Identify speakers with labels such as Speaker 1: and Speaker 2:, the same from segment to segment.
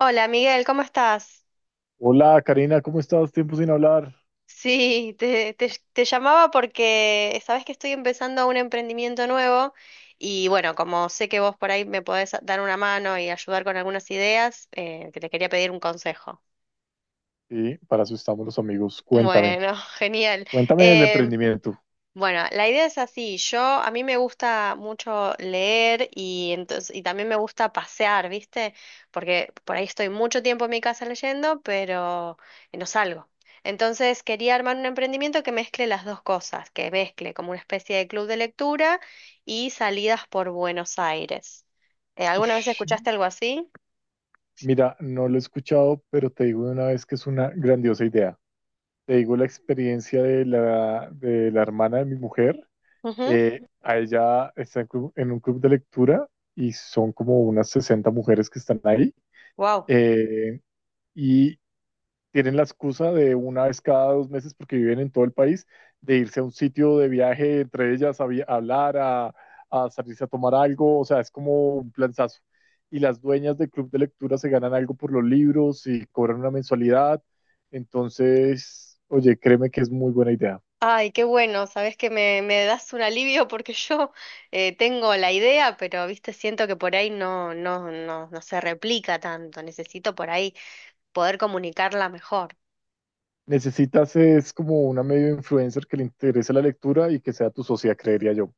Speaker 1: Hola Miguel, ¿cómo estás?
Speaker 2: Hola Karina, ¿cómo estás? Tiempo sin hablar.
Speaker 1: Sí, te llamaba porque sabes que estoy empezando un emprendimiento nuevo y bueno, como sé que vos por ahí me podés dar una mano y ayudar con algunas ideas, que te quería pedir un consejo.
Speaker 2: Y para eso estamos los amigos. Cuéntame,
Speaker 1: Bueno, genial.
Speaker 2: cuéntame el
Speaker 1: Eh,
Speaker 2: emprendimiento.
Speaker 1: Bueno, la idea es así. Yo, a mí me gusta mucho leer y entonces, y también me gusta pasear, ¿viste? Porque por ahí estoy mucho tiempo en mi casa leyendo, pero no salgo. Entonces quería armar un emprendimiento que mezcle las dos cosas, que mezcle como una especie de club de lectura y salidas por Buenos Aires. ¿Alguna vez
Speaker 2: Ush,
Speaker 1: escuchaste algo así?
Speaker 2: mira, no lo he escuchado, pero te digo de una vez que es una grandiosa idea. Te digo la experiencia de la hermana de mi mujer. A ella está en un club de lectura y son como unas 60 mujeres que están ahí.
Speaker 1: Wow.
Speaker 2: Eh, tienen la excusa de una vez cada 2 meses, porque viven en todo el país, de irse a un sitio de viaje, entre ellas a hablar, a salirse a tomar algo, o sea, es como un planazo. Y las dueñas del club de lectura se ganan algo por los libros y cobran una mensualidad. Entonces, oye, créeme que es muy buena idea.
Speaker 1: Ay, qué bueno, sabes que me das un alivio porque yo tengo la idea, pero viste, siento que por ahí no se replica tanto. Necesito por ahí poder comunicarla mejor.
Speaker 2: Necesitas es como una medio influencer que le interese la lectura y que sea tu socia, creería yo.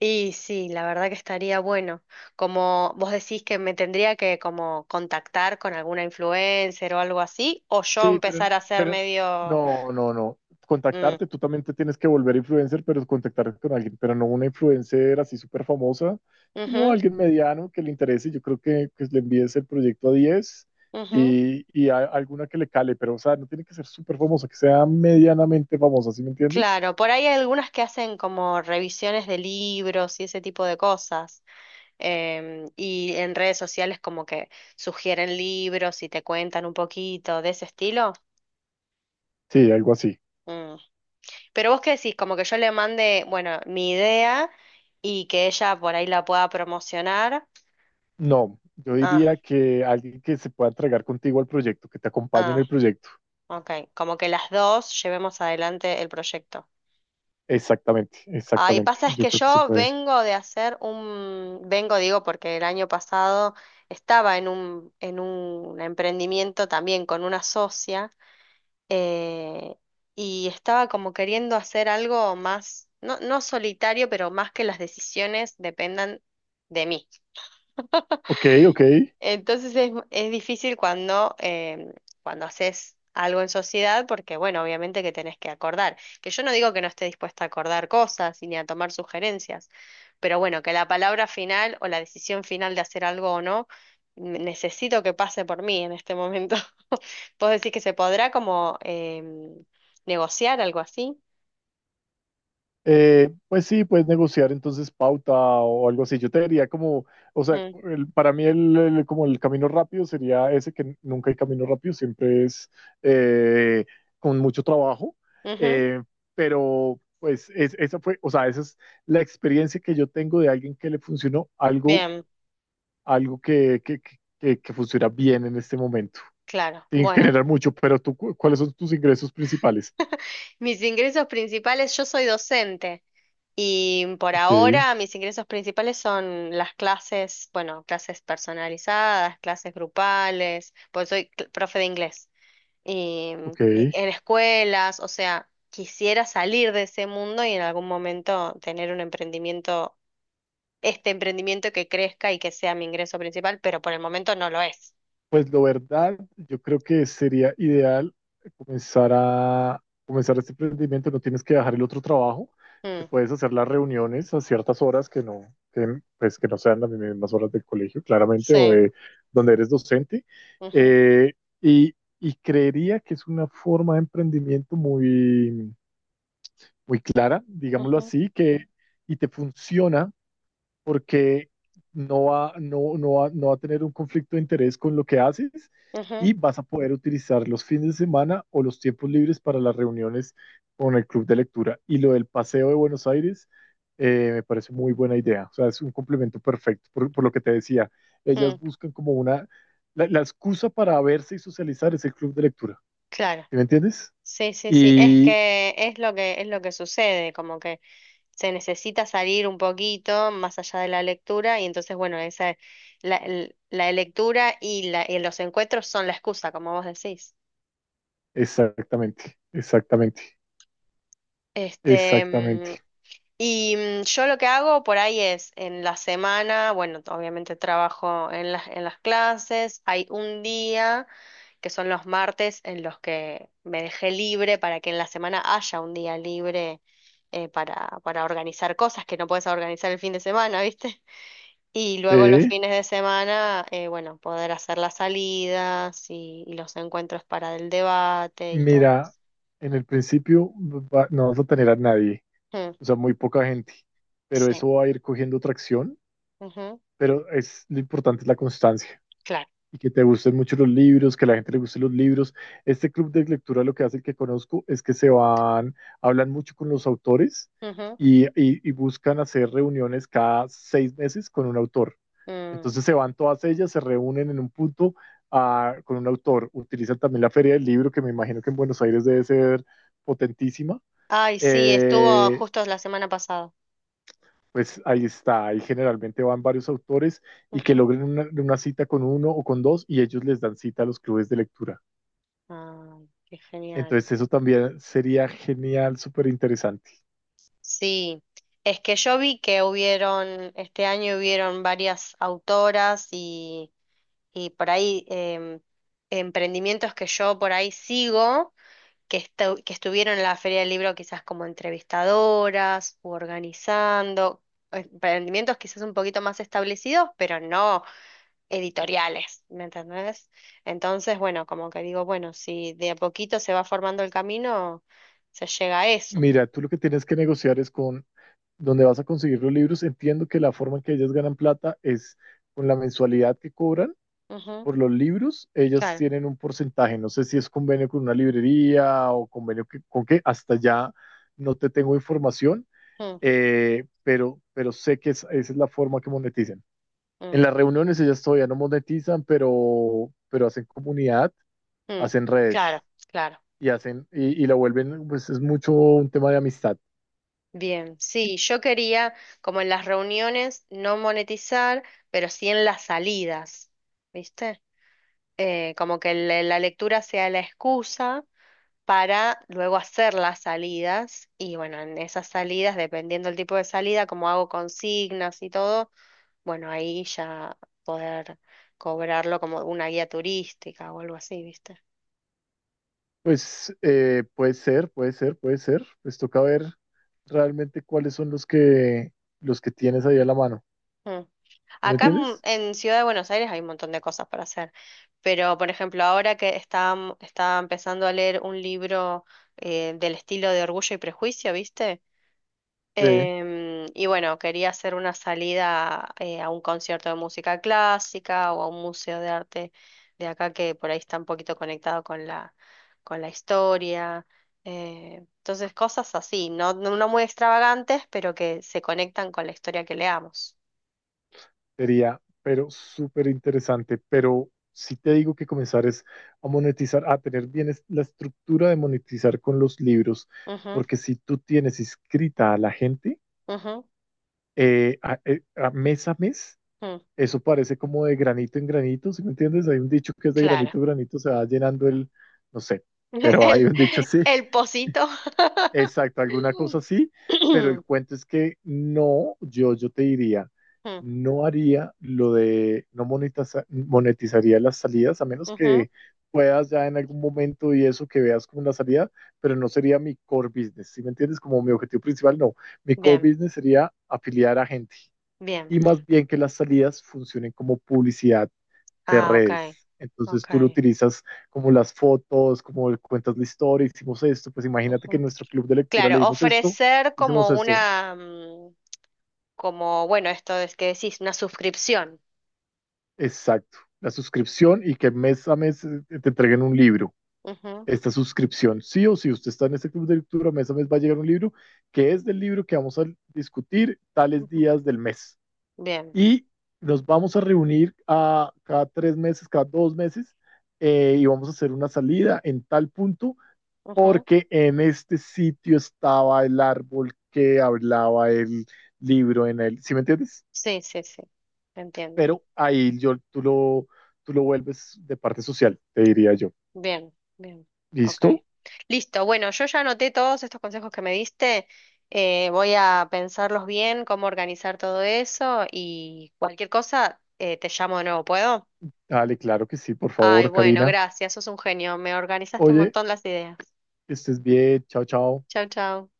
Speaker 1: Y sí, la verdad que estaría bueno. Como vos decís que me tendría que como contactar con alguna influencer o algo así, o yo
Speaker 2: Sí, pero,
Speaker 1: empezar a hacer
Speaker 2: pero
Speaker 1: medio.
Speaker 2: no.
Speaker 1: Mm,
Speaker 2: Contactarte, tú también te tienes que volver influencer, pero contactarte con alguien, pero no una influencer así súper famosa, sino
Speaker 1: ujú,
Speaker 2: alguien mediano que le interese. Yo creo que le envíes el proyecto a 10
Speaker 1: ujú.
Speaker 2: y alguna que le cale, pero o sea, no tiene que ser súper famosa, que sea medianamente famosa, ¿sí me entiendes?
Speaker 1: Claro, por ahí hay algunas que hacen como revisiones de libros y ese tipo de cosas. Y en redes sociales como que sugieren libros y te cuentan un poquito de ese estilo.
Speaker 2: Sí, algo así.
Speaker 1: Mm. Pero vos qué decís, como que yo le mande, bueno, mi idea y que ella por ahí la pueda promocionar.
Speaker 2: No, yo
Speaker 1: Ah,
Speaker 2: diría que alguien que se pueda entregar contigo al proyecto, que te acompañe en
Speaker 1: ah,
Speaker 2: el proyecto.
Speaker 1: ok. Como que las dos llevemos adelante el proyecto.
Speaker 2: Exactamente,
Speaker 1: Ahí
Speaker 2: exactamente.
Speaker 1: pasa es
Speaker 2: Yo
Speaker 1: que
Speaker 2: creo que se
Speaker 1: yo
Speaker 2: puede.
Speaker 1: vengo de vengo digo porque el año pasado estaba en en un emprendimiento también con una socia eh, y estaba como queriendo hacer algo más, no, no solitario, pero más que las decisiones dependan de mí.
Speaker 2: Ok, ok.
Speaker 1: Entonces es difícil cuando, cuando haces algo en sociedad, porque bueno, obviamente que tenés que acordar. Que yo no digo que no esté dispuesta a acordar cosas y ni a tomar sugerencias, pero bueno, que la palabra final o la decisión final de hacer algo o no, necesito que pase por mí en este momento. ¿Vos decís que se podrá como negociar algo así?
Speaker 2: Pues sí, puedes negociar entonces pauta o algo así. Yo te diría como, o sea,
Speaker 1: Mm,
Speaker 2: para mí como el camino rápido sería ese que nunca hay camino rápido, siempre es eh, con mucho trabajo.
Speaker 1: ujú,
Speaker 2: Eh, pero pues esa fue, o sea, esa es la experiencia que yo tengo de alguien que le funcionó algo,
Speaker 1: bien,
Speaker 2: algo que funciona bien en este momento.
Speaker 1: claro.
Speaker 2: Sin
Speaker 1: Bueno,
Speaker 2: generar mucho, pero ¿cuáles son tus ingresos principales?
Speaker 1: mis ingresos principales, yo soy docente. Y por
Speaker 2: Ok,
Speaker 1: ahora mis ingresos principales son las clases, bueno, clases personalizadas, clases grupales, pues soy profe de inglés y,
Speaker 2: ok.
Speaker 1: y en escuelas, o sea, quisiera salir de ese mundo y en algún momento tener un emprendimiento, este emprendimiento que crezca y que sea mi ingreso principal, pero por el momento no lo es.
Speaker 2: Pues la verdad, yo creo que sería ideal comenzar este emprendimiento. No tienes que dejar el otro trabajo. Te
Speaker 1: Mm,
Speaker 2: puedes hacer las reuniones a ciertas horas que no, que, pues, que no sean las mismas horas del colegio, claramente, o
Speaker 1: sí,
Speaker 2: de donde eres docente.
Speaker 1: ujú,
Speaker 2: Eh, y, y creería que es una forma de emprendimiento muy, muy clara, digámoslo
Speaker 1: ujú,
Speaker 2: así, que y te funciona porque no va a tener un conflicto de interés con lo que haces
Speaker 1: ujú,
Speaker 2: y vas a poder utilizar los fines de semana o los tiempos libres para las reuniones con el club de lectura. Y lo del paseo de Buenos Aires me parece muy buena idea, o sea, es un complemento perfecto por lo que te decía. Ellas
Speaker 1: mm,
Speaker 2: buscan como una, la excusa para verse y socializar es el club de lectura,
Speaker 1: claro.
Speaker 2: ¿sí me entiendes?
Speaker 1: Sí, sí, sí, es
Speaker 2: Y
Speaker 1: que es lo que es lo que sucede, como que se necesita salir un poquito más allá de la lectura y entonces bueno, esa la lectura y la y los encuentros son la excusa, como vos decís.
Speaker 2: exactamente, exactamente,
Speaker 1: Este, mm,
Speaker 2: exactamente.
Speaker 1: y mm, yo lo que hago por ahí es, en la semana, bueno, obviamente trabajo en en las clases, hay un día, que son los martes, en los que me dejé libre para que en la semana haya un día libre para organizar cosas que no puedes organizar el fin de semana, ¿viste? Y luego los
Speaker 2: ¿Eh?
Speaker 1: fines de semana, bueno, poder hacer las salidas y los encuentros para el debate y todo
Speaker 2: Mira,
Speaker 1: eso.
Speaker 2: en el principio no vas a tener a nadie,
Speaker 1: Mm,
Speaker 2: o sea, muy poca gente, pero
Speaker 1: sí,
Speaker 2: eso va a ir cogiendo tracción,
Speaker 1: ujú,
Speaker 2: pero es lo importante es la constancia
Speaker 1: claro.
Speaker 2: y que te gusten mucho los libros, que a la gente le gusten los libros. Este club de lectura lo que hace el que conozco es que se van, hablan mucho con los autores
Speaker 1: Ujú,
Speaker 2: y buscan hacer reuniones cada 6 meses con un autor.
Speaker 1: mm.
Speaker 2: Entonces se van todas ellas, se reúnen en un punto ah, con un autor. Utilizan también la Feria del Libro, que me imagino que en Buenos Aires debe ser potentísima.
Speaker 1: Ay, sí, estuvo
Speaker 2: Eh,
Speaker 1: justo la semana pasada.
Speaker 2: pues ahí está, ahí generalmente van varios autores y que
Speaker 1: Ujú.
Speaker 2: logren una cita con uno o con dos y ellos les dan cita a los clubes de lectura.
Speaker 1: Ay, qué genial.
Speaker 2: Entonces eso también sería genial, súper interesante.
Speaker 1: Sí, es que yo vi que hubieron, este año hubieron varias autoras y por ahí emprendimientos que yo por ahí sigo, que estuvieron en la Feria del Libro quizás como entrevistadoras u organizando, emprendimientos quizás un poquito más establecidos, pero no. Editoriales, ¿me entendés? Entonces, bueno, como que digo, bueno, si de a poquito se va formando el camino, se llega a eso.
Speaker 2: Mira, tú lo que tienes que negociar es con dónde vas a conseguir los libros. Entiendo que la forma en que ellas ganan plata es con la mensualidad que cobran
Speaker 1: Ujú,
Speaker 2: por los libros. Ellas
Speaker 1: claro.
Speaker 2: tienen un porcentaje, no sé si es convenio con una librería o convenio con qué, hasta ya no te tengo información,
Speaker 1: Mm,
Speaker 2: pero sé que esa es la forma que monetizan. En
Speaker 1: mm,
Speaker 2: las reuniones ellas todavía no monetizan, pero hacen comunidad,
Speaker 1: mm.
Speaker 2: hacen
Speaker 1: Claro,
Speaker 2: redes
Speaker 1: claro.
Speaker 2: y hacen y la vuelven, pues es mucho un tema de amistad.
Speaker 1: Bien, sí, yo quería, como en las reuniones, no monetizar, pero sí en las salidas, ¿viste? Como que la lectura sea la excusa para luego hacer las salidas y bueno, en esas salidas, dependiendo del tipo de salida, como hago consignas y todo bueno, ahí ya poder cobrarlo como una guía turística o algo así, ¿viste?
Speaker 2: Pues puede ser, puede ser, puede ser. Pues toca ver realmente cuáles son los que tienes ahí a la mano.
Speaker 1: Mm.
Speaker 2: ¿Sí? ¿Me
Speaker 1: Acá en,
Speaker 2: entiendes?
Speaker 1: en Ciudad de Buenos Aires hay un montón de cosas para hacer, pero por ejemplo, está empezando a leer un libro del estilo de Orgullo y Prejuicio, ¿viste?
Speaker 2: Sí.
Speaker 1: Y bueno, quería hacer una salida a un concierto de música clásica o a un museo de arte de acá que por ahí está un poquito conectado con con la historia. Entonces, cosas así, no muy extravagantes, pero que se conectan con la historia que leamos.
Speaker 2: Sería, pero súper interesante. Pero si te digo que comenzar es a monetizar, a tener bien la estructura de monetizar con los libros,
Speaker 1: Ujú,
Speaker 2: porque si tú tienes inscrita a la gente a mes,
Speaker 1: ujú, mm,
Speaker 2: eso parece como de granito en granito, ¿sí me entiendes? Hay un dicho que es de
Speaker 1: claro.
Speaker 2: granito en granito, se va llenando el, no sé, pero hay
Speaker 1: El,
Speaker 2: un dicho así.
Speaker 1: el pocito.
Speaker 2: Exacto, alguna cosa así, pero el cuento es que no, yo te diría,
Speaker 1: Mm,
Speaker 2: no haría lo de, no monetiza- monetizaría las salidas, a menos
Speaker 1: ujú,
Speaker 2: que puedas ya en algún momento y eso que veas como una salida, pero no sería mi core business, ¿sí me entiendes? Como mi objetivo principal, no, mi core
Speaker 1: bien,
Speaker 2: business sería afiliar a gente
Speaker 1: bien.
Speaker 2: y más bien que las salidas funcionen como publicidad de
Speaker 1: Ah, ok.
Speaker 2: redes. Entonces
Speaker 1: Ok.
Speaker 2: tú lo utilizas como las fotos, como cuentas la historia, hicimos esto, pues imagínate que en
Speaker 1: Ujú.
Speaker 2: nuestro club de lectura
Speaker 1: Claro,
Speaker 2: leímos esto,
Speaker 1: ofrecer
Speaker 2: hicimos
Speaker 1: como
Speaker 2: esto,
Speaker 1: una, mm, como, bueno, esto es que decís, una suscripción.
Speaker 2: exacto, la suscripción y que mes a mes te entreguen un libro. Esta suscripción, sí o sí, usted está en este club de lectura, mes a mes va a llegar un libro que es del libro que vamos a discutir tales
Speaker 1: Ujú, ujú.
Speaker 2: días del mes.
Speaker 1: Bien.
Speaker 2: Y nos vamos a reunir cada 3 meses, cada 2 meses, y vamos a hacer una salida en tal punto
Speaker 1: Ujú.
Speaker 2: porque en este sitio estaba el árbol que hablaba el libro en él, ¿sí me entiendes?
Speaker 1: Sí, sí, sí. Entiendo.
Speaker 2: Pero ahí yo, tú lo vuelves de parte social, te diría yo.
Speaker 1: Bien, bien. Ok.
Speaker 2: ¿Listo?
Speaker 1: Listo. Bueno, yo ya anoté todos estos consejos que me diste. Voy a pensarlos bien, cómo organizar todo eso y cualquier cosa, te llamo de nuevo, ¿puedo?
Speaker 2: Dale, claro que sí, por
Speaker 1: Ay,
Speaker 2: favor,
Speaker 1: bueno,
Speaker 2: Karina.
Speaker 1: gracias. Sos un genio. Me organizaste un
Speaker 2: Oye,
Speaker 1: montón las ideas.
Speaker 2: que estés bien, chao, chao.
Speaker 1: Chau, chau.